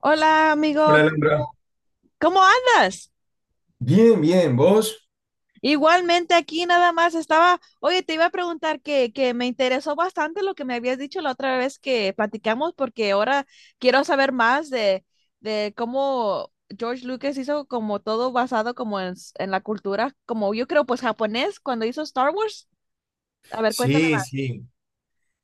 Hola, Hola, amigo, Alondra. ¿cómo andas? Bien, bien, ¿vos? Igualmente aquí nada más estaba, oye, te iba a preguntar que me interesó bastante lo que me habías dicho la otra vez que platicamos, porque ahora quiero saber más de cómo George Lucas hizo como todo basado como en, en la cultura, como yo creo, pues japonés, cuando hizo Star Wars. A ver, cuéntame Sí, más. sí.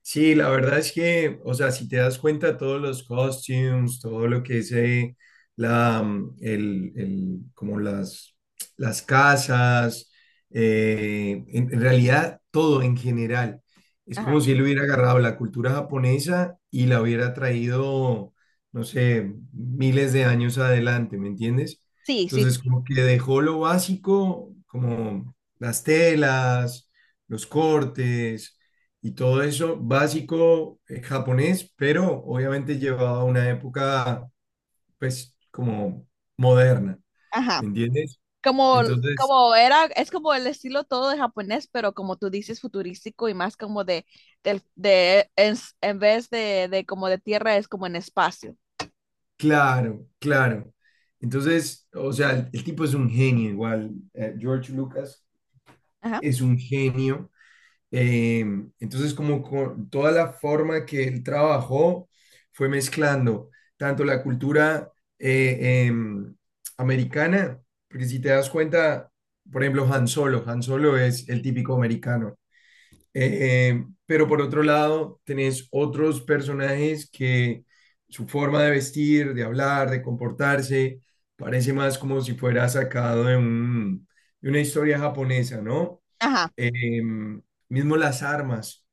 Sí, la verdad es que, o sea, si te das cuenta, todos los costumes, todo lo que es la, mm, el- como las casas, en realidad todo en general. Es Ajá. como si él hubiera agarrado la cultura japonesa y la hubiera traído, no sé, miles de años adelante, ¿me entiendes? Sí, sí, Entonces, sí. como que dejó lo básico, como las telas, los cortes y todo eso básico japonés, pero obviamente llevado a una época, pues, como moderna, Ajá. ¿me entiendes? Como, Entonces, como era, es como el estilo todo de japonés, pero como tú dices, futurístico y más como de, de, en vez de como de tierra, es como en espacio. claro, claro. Entonces, o sea, el tipo es un genio igual. George Lucas Ajá. es un genio. Eh, entonces, como con toda la forma que él trabajó, fue mezclando tanto la cultura eh, em, americana, porque si te das cuenta, por ejemplo, Han Solo, Han Solo es el típico americano. Pero por otro lado, tenés otros personajes que su forma de vestir, de hablar, de comportarse, parece más como si fuera sacado de de una historia japonesa, ¿no? Ajá. Em, Mismo las armas,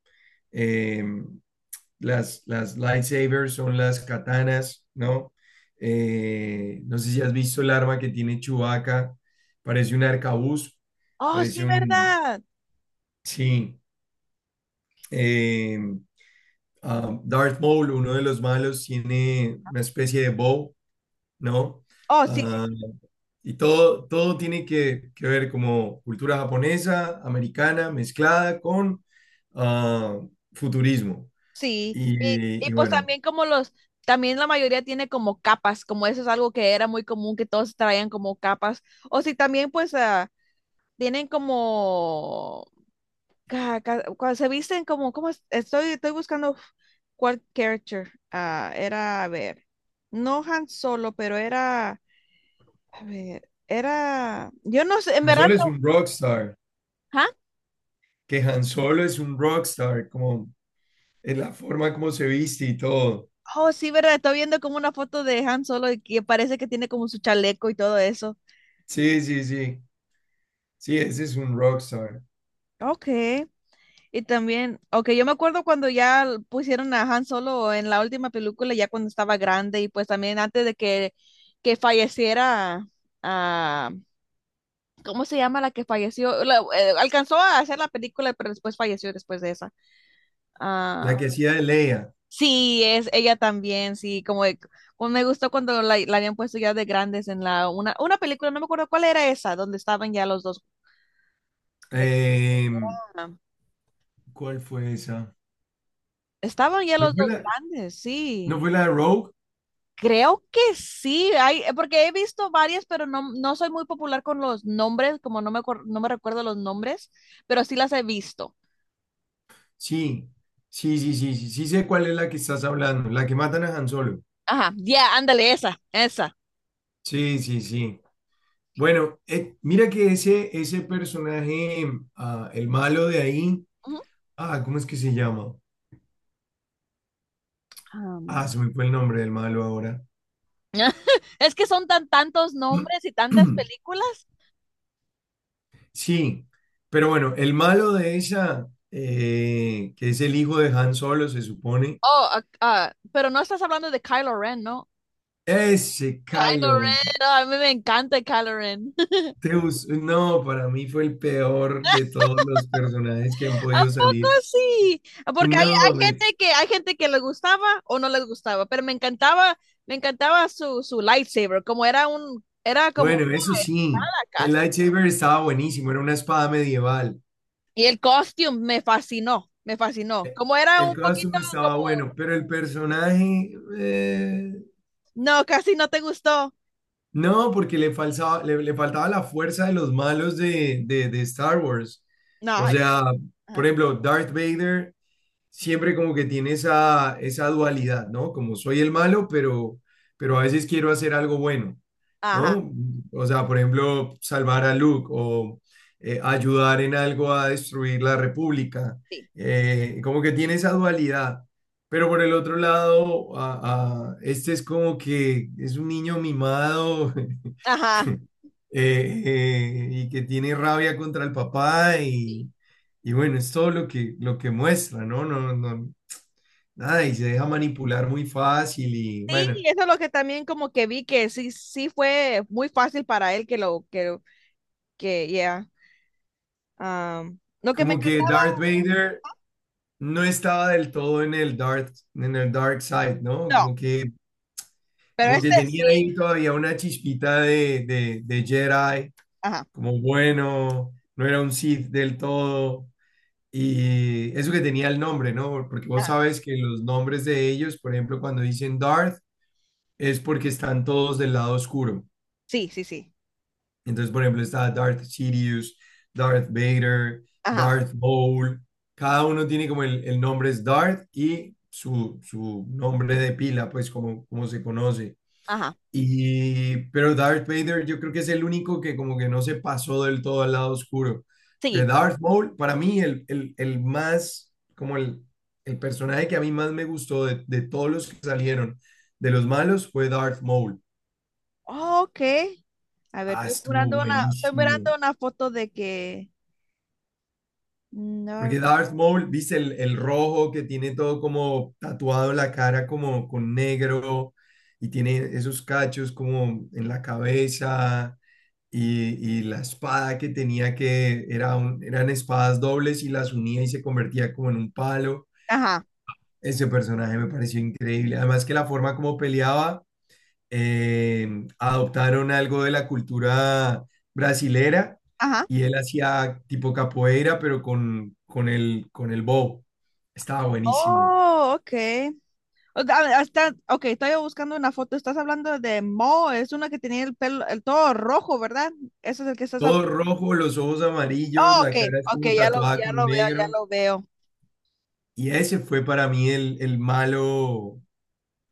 em, las lightsabers son las katanas, ¿no? No sé si has visto el arma que tiene Chewbacca, parece un arcabuz, Oh, sí, parece un... ¿verdad? Sí. em, Darth Maul, uno de los malos, tiene una especie de bow, ¿no? Oh, sí, sí. Ah, y todo tiene que ver como cultura japonesa, americana, mezclada con ah, futurismo. Sí. Y, Y, y y pues bueno, también como los, también la mayoría tiene como capas, como eso es algo que era muy común, que todos traían como capas. O sí, también pues tienen como cuando se visten como, como estoy buscando cuál character era, a ver, no Han Solo, pero era, a ver, era, yo no sé, en Han verdad, Solo es no- un rockstar, ¿ah? que Han Solo es un rockstar, como en la forma como se viste y todo. Oh, sí, verdad, estoy viendo como una foto de Han Solo y que parece que tiene como su chaleco y todo eso. Sí, sí, sí, sí, ese es un rockstar. Ok, y también, ok, yo me acuerdo cuando ya pusieron a Han Solo en la última película, ya cuando estaba grande y pues también antes de que falleciera ah, ¿cómo se llama la que falleció? Alcanzó a hacer la película, pero después falleció después de esa. La Ah, que hacía de Leia. sí, es ella también, sí, como, de- como me gustó cuando la habían puesto ya de grandes en la una película, no me acuerdo cuál era esa, donde estaban ya los dos. De- Em, ah, ¿Cuál fue esa? estaban ya ¿No los fue dos la, grandes, no sí. fue la de Rogue? Creo que sí, hay, porque he visto varias, pero no, no soy muy popular con los nombres, como no me, no me recuerdo los nombres, pero sí las he visto. Sí, sí, sí, sí, sí, sí sé cuál es la que estás hablando, la que matan a Han Solo. Ajá, ya, ándale, esa, esa. Sí, sí, sí. Bueno, mira que ese personaje, el malo de ahí, Ujú. ¿Cómo es que se llama? Am, Se me fue el nombre del malo ahora. Es que son tan tantos nombres y tantas películas. Sí, pero bueno, el malo de esa, que es el hijo de Han Solo, se supone, Oh, ah, ah, pero no estás hablando de Kylo Ren, ¿no? ese Kylo Kylo Ren. Ren. No, a mí me encanta Kylo Ren. Deus, no, para mí fue el peor de todos los personajes que han ¿A podido poco salir. sí? Porque hay, No, hombre. Hay gente que le gustaba o no les gustaba, pero me encantaba su, su lightsaber, como era un, era como Bueno, eso una sí. espada El casi. lightsaber estaba buenísimo, era una espada medieval. Y el costume me fascinó, me fascinó. Eh, Como era El un poquito costume estaba como, bueno, pero el personaje. No, casi no te gustó. No, porque le faltaba la fuerza de los malos de Star Wars. No, O ay, sea, por ajá, ejemplo, Darth Vader siempre como que tiene esa dualidad, ¿no? Como, soy el malo, pero a veces quiero hacer algo bueno, ajá, ¿no? O sea, por ejemplo, salvar a Luke o ayudar en algo a destruir la República. sí, Como que tiene esa dualidad. Pero por el otro lado, este es como que es un niño mimado. ajá. Y que tiene rabia contra el papá, y bueno, es todo lo que muestra, ¿no? No, no, nada, y se deja manipular muy fácil. Y bueno, Sí, eso es lo que también como que vi que sí, sí fue muy fácil para él que lo, que, lo- que, ya. Lo que me como que encantaba, Darth Vader no estaba del todo en el dark side, ¿no? no, Como que, pero como que este tenía sí. ahí todavía una chispita de Jedi, Ajá, como bueno, no era un Sith del todo. Y eso que tenía el nombre, ¿no? Porque vos ajá, sabes que los nombres de ellos, por ejemplo, cuando dicen Darth, es porque están todos del lado oscuro. sí, sí, sí. Entonces, por ejemplo, está Darth Sidious, Darth Vader, Ajá, Darth Maul. Cada uno tiene como el nombre es Darth y su nombre de pila, pues como se conoce. ajá, Pero Darth Vader, yo creo que es el único que como que no se pasó del todo al lado oscuro. Porque sí. Darth Maul, para mí, el más, como el personaje que a mí más me gustó de todos los que salieron de los malos, fue Darth Maul. Ok. A ver, Estuvo estoy buenísimo. mirando una foto de que. No- Porque Darth Maul, viste el rojo que tiene todo como tatuado en la cara, como con negro, y tiene esos cachos como en la cabeza, y la espada que tenía, eran espadas dobles y las unía y se convertía como en un palo. Ajá, Ese personaje me pareció increíble. Además, que la forma como peleaba, eh, adoptaron algo de la cultura brasilera, ajá. y él hacía tipo capoeira, pero con el bow. Estaba buenísimo. Oh, ok. Hasta, ok, estoy buscando una foto. Estás hablando de Mo, es una que tenía el pelo, el todo rojo, ¿verdad? Eso es el que estás. Todo rojo, los ojos amarillos, Oh, ok, la cara es ok, como tatuada ya con lo veo, ya negro. lo veo. Y ese fue para mí el malo,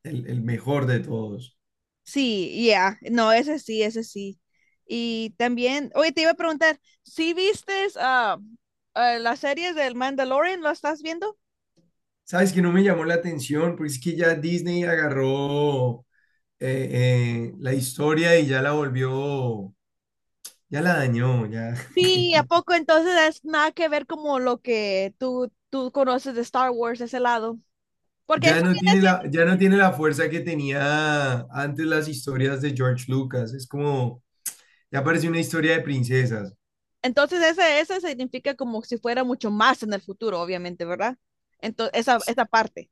el mejor de todos. Sí, ya, no, ese sí, ese sí. Y también, oye, te iba a preguntar, ¿sí vistes las series del Mandalorian? ¿Lo estás viendo? ¿Sabes que no me llamó la atención? Porque es que ya Disney agarró eh, la historia y ya la volvió, ya la dañó, ya. Sí, ¿a poco entonces es nada que ver como lo que tú conoces de Star Wars, ese lado? Porque Ya eso no viene tiene siendo, la, ya no tiene la fuerza que tenía antes las historias de George Lucas. Es como, ya parece una historia de princesas. entonces ese significa como si fuera mucho más en el futuro, obviamente, ¿verdad? Entonces, esa parte.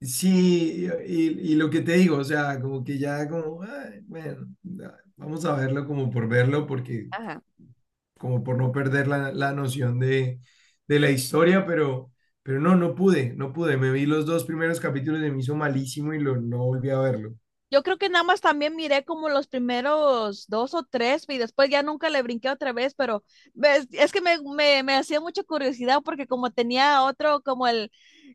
Sí, y lo que te digo, o sea, como que ya como, "Ay, bueno, ya, vamos a verlo como por verlo, porque Ajá. como por no perder la noción de la historia, pero no, no pude, no pude. Me vi los dos primeros capítulos y me hizo malísimo y no volví a verlo. Yo creo que nada más también miré como los primeros dos o tres y después ya nunca le brinqué otra vez, pero ves, es que me, me hacía mucha curiosidad porque como tenía otro, como el,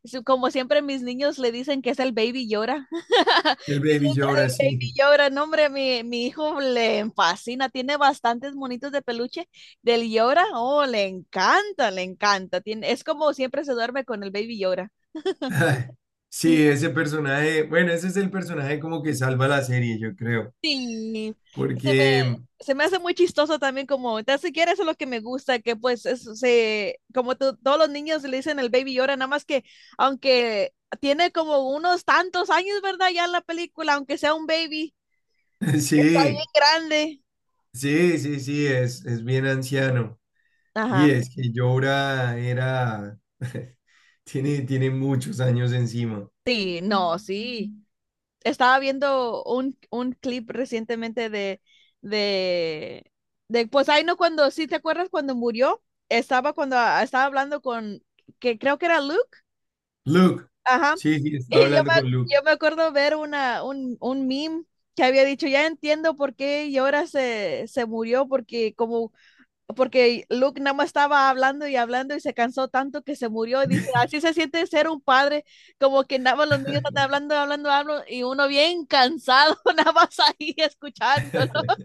su- como siempre mis niños le dicen que es el baby llora. El Baby Yoda, sí. Llora, no hombre, mi hijo le fascina, tiene bastantes monitos de peluche del llora, oh, le encanta, tiene, es como siempre se duerme con el baby llora. Ay, sí, ese personaje, bueno, ese es el personaje como que salva la serie, yo creo, Sí, se me, porque se me hace muy chistoso también como, ni siquiera eso es lo que me gusta, que pues se, como todos los niños le dicen el baby llora, nada más que aunque tiene como unos tantos años, ¿verdad? Ya en la película, aunque sea un baby, está sí, bien grande. sí, sí, sí, es bien anciano. Y Ajá, es que Jorah era, tiene muchos años encima. sí, no, sí. Estaba viendo un clip recientemente de, de, pues ahí no cuando, sí, ¿te acuerdas cuando murió? Estaba cuando estaba hablando con, que creo que era Luke. Luke, Ajá. sí, sí, estaba Y yo hablando me, con Luke. yo me acuerdo ver una, un meme que había dicho, ya entiendo por qué Yora se, se murió, porque como, porque Luke nada más estaba hablando y hablando y se cansó tanto que se murió. Y dice, así se siente ser un padre, como que nada más los niños están hablando, hablando, hablando, y uno bien cansado, nada más ahí escuchándolos.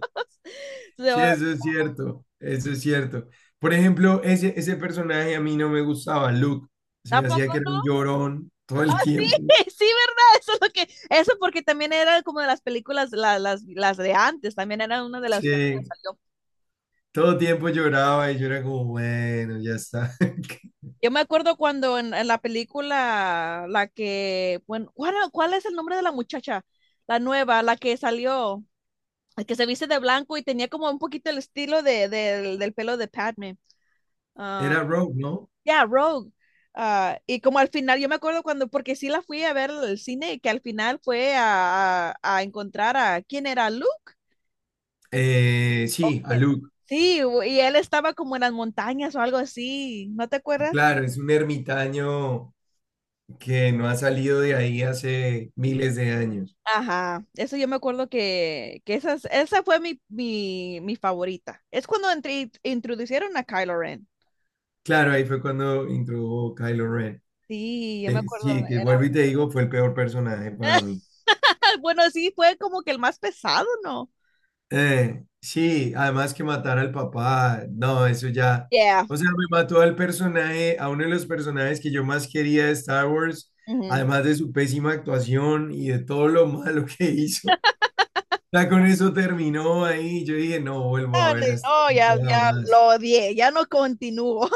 Se Sí, va, eso es cierto, eso es cierto. Por ejemplo, ese personaje a mí no me gustaba, Luke. Se ¿a me hacía poco que era no? un llorón todo el Ah, sí, tiempo. sí, ¿verdad? Eso es lo que, eso porque también era como de las películas, las de antes, también era una de las que apenas Sí, salió. todo tiempo lloraba y yo era como, bueno, ya está. Yo me acuerdo cuando en la película, la que, bueno, ¿cuál, cuál es el nombre de la muchacha? La nueva, la que salió, la que se viste de blanco y tenía como un poquito el estilo de, del pelo de Padme. Ah, Era Rogue, ¿no? yeah, Rogue. Ah, y como al final, yo me acuerdo cuando, porque sí la fui a ver al cine, y que al final fue a, a encontrar a, ¿quién era? ¿Luke? ¿O Sí, quién? Aluk. Sí, u- y él estaba como en las montañas o algo así, ¿no te acuerdas? Claro, es un ermitaño que no ha salido de ahí hace miles de años. Ajá, eso yo me acuerdo que esas, esa fue mi, mi, mi favorita. Es cuando introducieron a Kylo Ren. Claro, ahí fue cuando introdujo Kylo Ren. Sí, yo me acuerdo, Sí, que era, vuelvo y te digo, fue el peor personaje para mí. bueno, sí, fue como que el más pesado, ¿no? Sí, además, que matar al papá, no, eso ya. Yeah. O sea, me mató al personaje, a uno de los personajes que yo más quería de Star Wars, Ujú. además de su pésima actuación y de todo lo malo que hizo. Ya con eso terminó ahí. Yo dije, no vuelvo a Dale, ver a este no, ya, tipo ya lo jamás. odié, ya no continúo.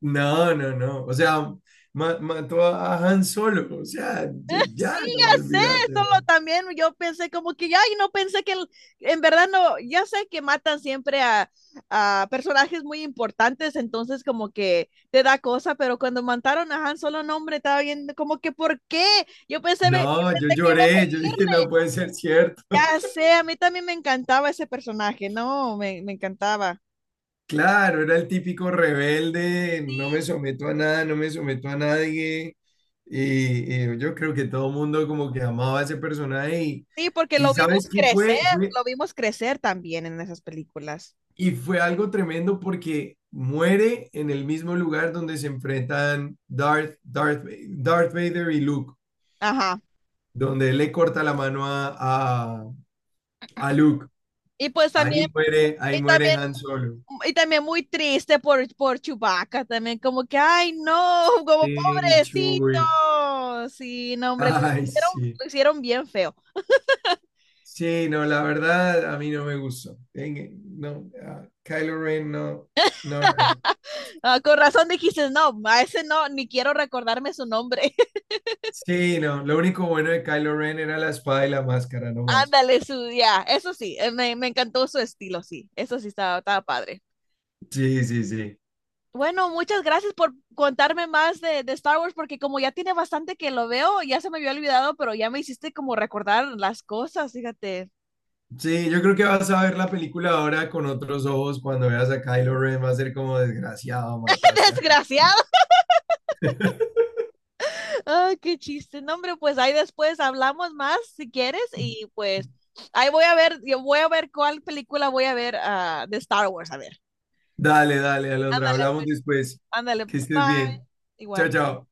No, no, no. O sea, mató a Han Solo. O sea, ya, Sí, ya no, ya sé, olvídate, solo man. también yo pensé como que ay no pensé que el- en verdad no, ya sé que matan siempre a personajes muy importantes, entonces como que te da cosa, pero cuando mataron a Han Solo, no, hombre, estaba viendo como que ¿por qué? Yo pensé, yo No, yo pensé que iba a lloré. Yo seguir, dije, no puede ser cierto. ya sé, a mí también me encantaba ese personaje, no, me encantaba. Claro, era el típico rebelde, no me Sí, someto a nada, no me someto a nadie. Y yo creo que todo el mundo como que amaba a ese personaje. Y, sí, porque y ¿sabes qué fue? Lo vimos crecer también en esas películas. Y fue algo tremendo porque muere en el mismo lugar donde se enfrentan Darth Vader y Luke, Ajá. donde él le corta la mano a Luke. Y pues también Ahí y muere también, Han Solo. y también muy triste por Chewbacca, también como que, ay, no, como Sí, pobrecito. Chewie. Sí, no, hombre, Ay, hicieron, sí. lo hicieron bien feo. Sí, no, la verdad a mí no me gustó. No, a Kylo Ren no, no, no. Ah, con razón dijiste, no, a ese no, ni quiero recordarme su nombre. Sí, no, lo único bueno de Kylo Ren era la espada y la máscara, no más. Ándale, su, ya, eso sí, me, me encantó su estilo, sí, eso sí estaba, estaba padre. Sí, sí, sí. Bueno, muchas gracias por contarme más de Star Wars, porque como ya tiene bastante que lo veo, ya se me había olvidado, pero ya me hiciste como recordar las cosas, fíjate. Sí, yo creo que vas a ver la película ahora con otros ojos. Cuando veas a Kylo Ren va a ser como, "desgraciado, mataste a Jesús". ¡Desgraciado! Ah, qué chiste. No, hombre, pues ahí después hablamos más si quieres y pues ahí voy a ver, yo voy a ver cuál película voy a ver de Star Wars, a ver. Dale, dale, Alondra, Ándale, hablamos pues. después. Ándale. Que Bye. estés bien. Chao, Igual. chao.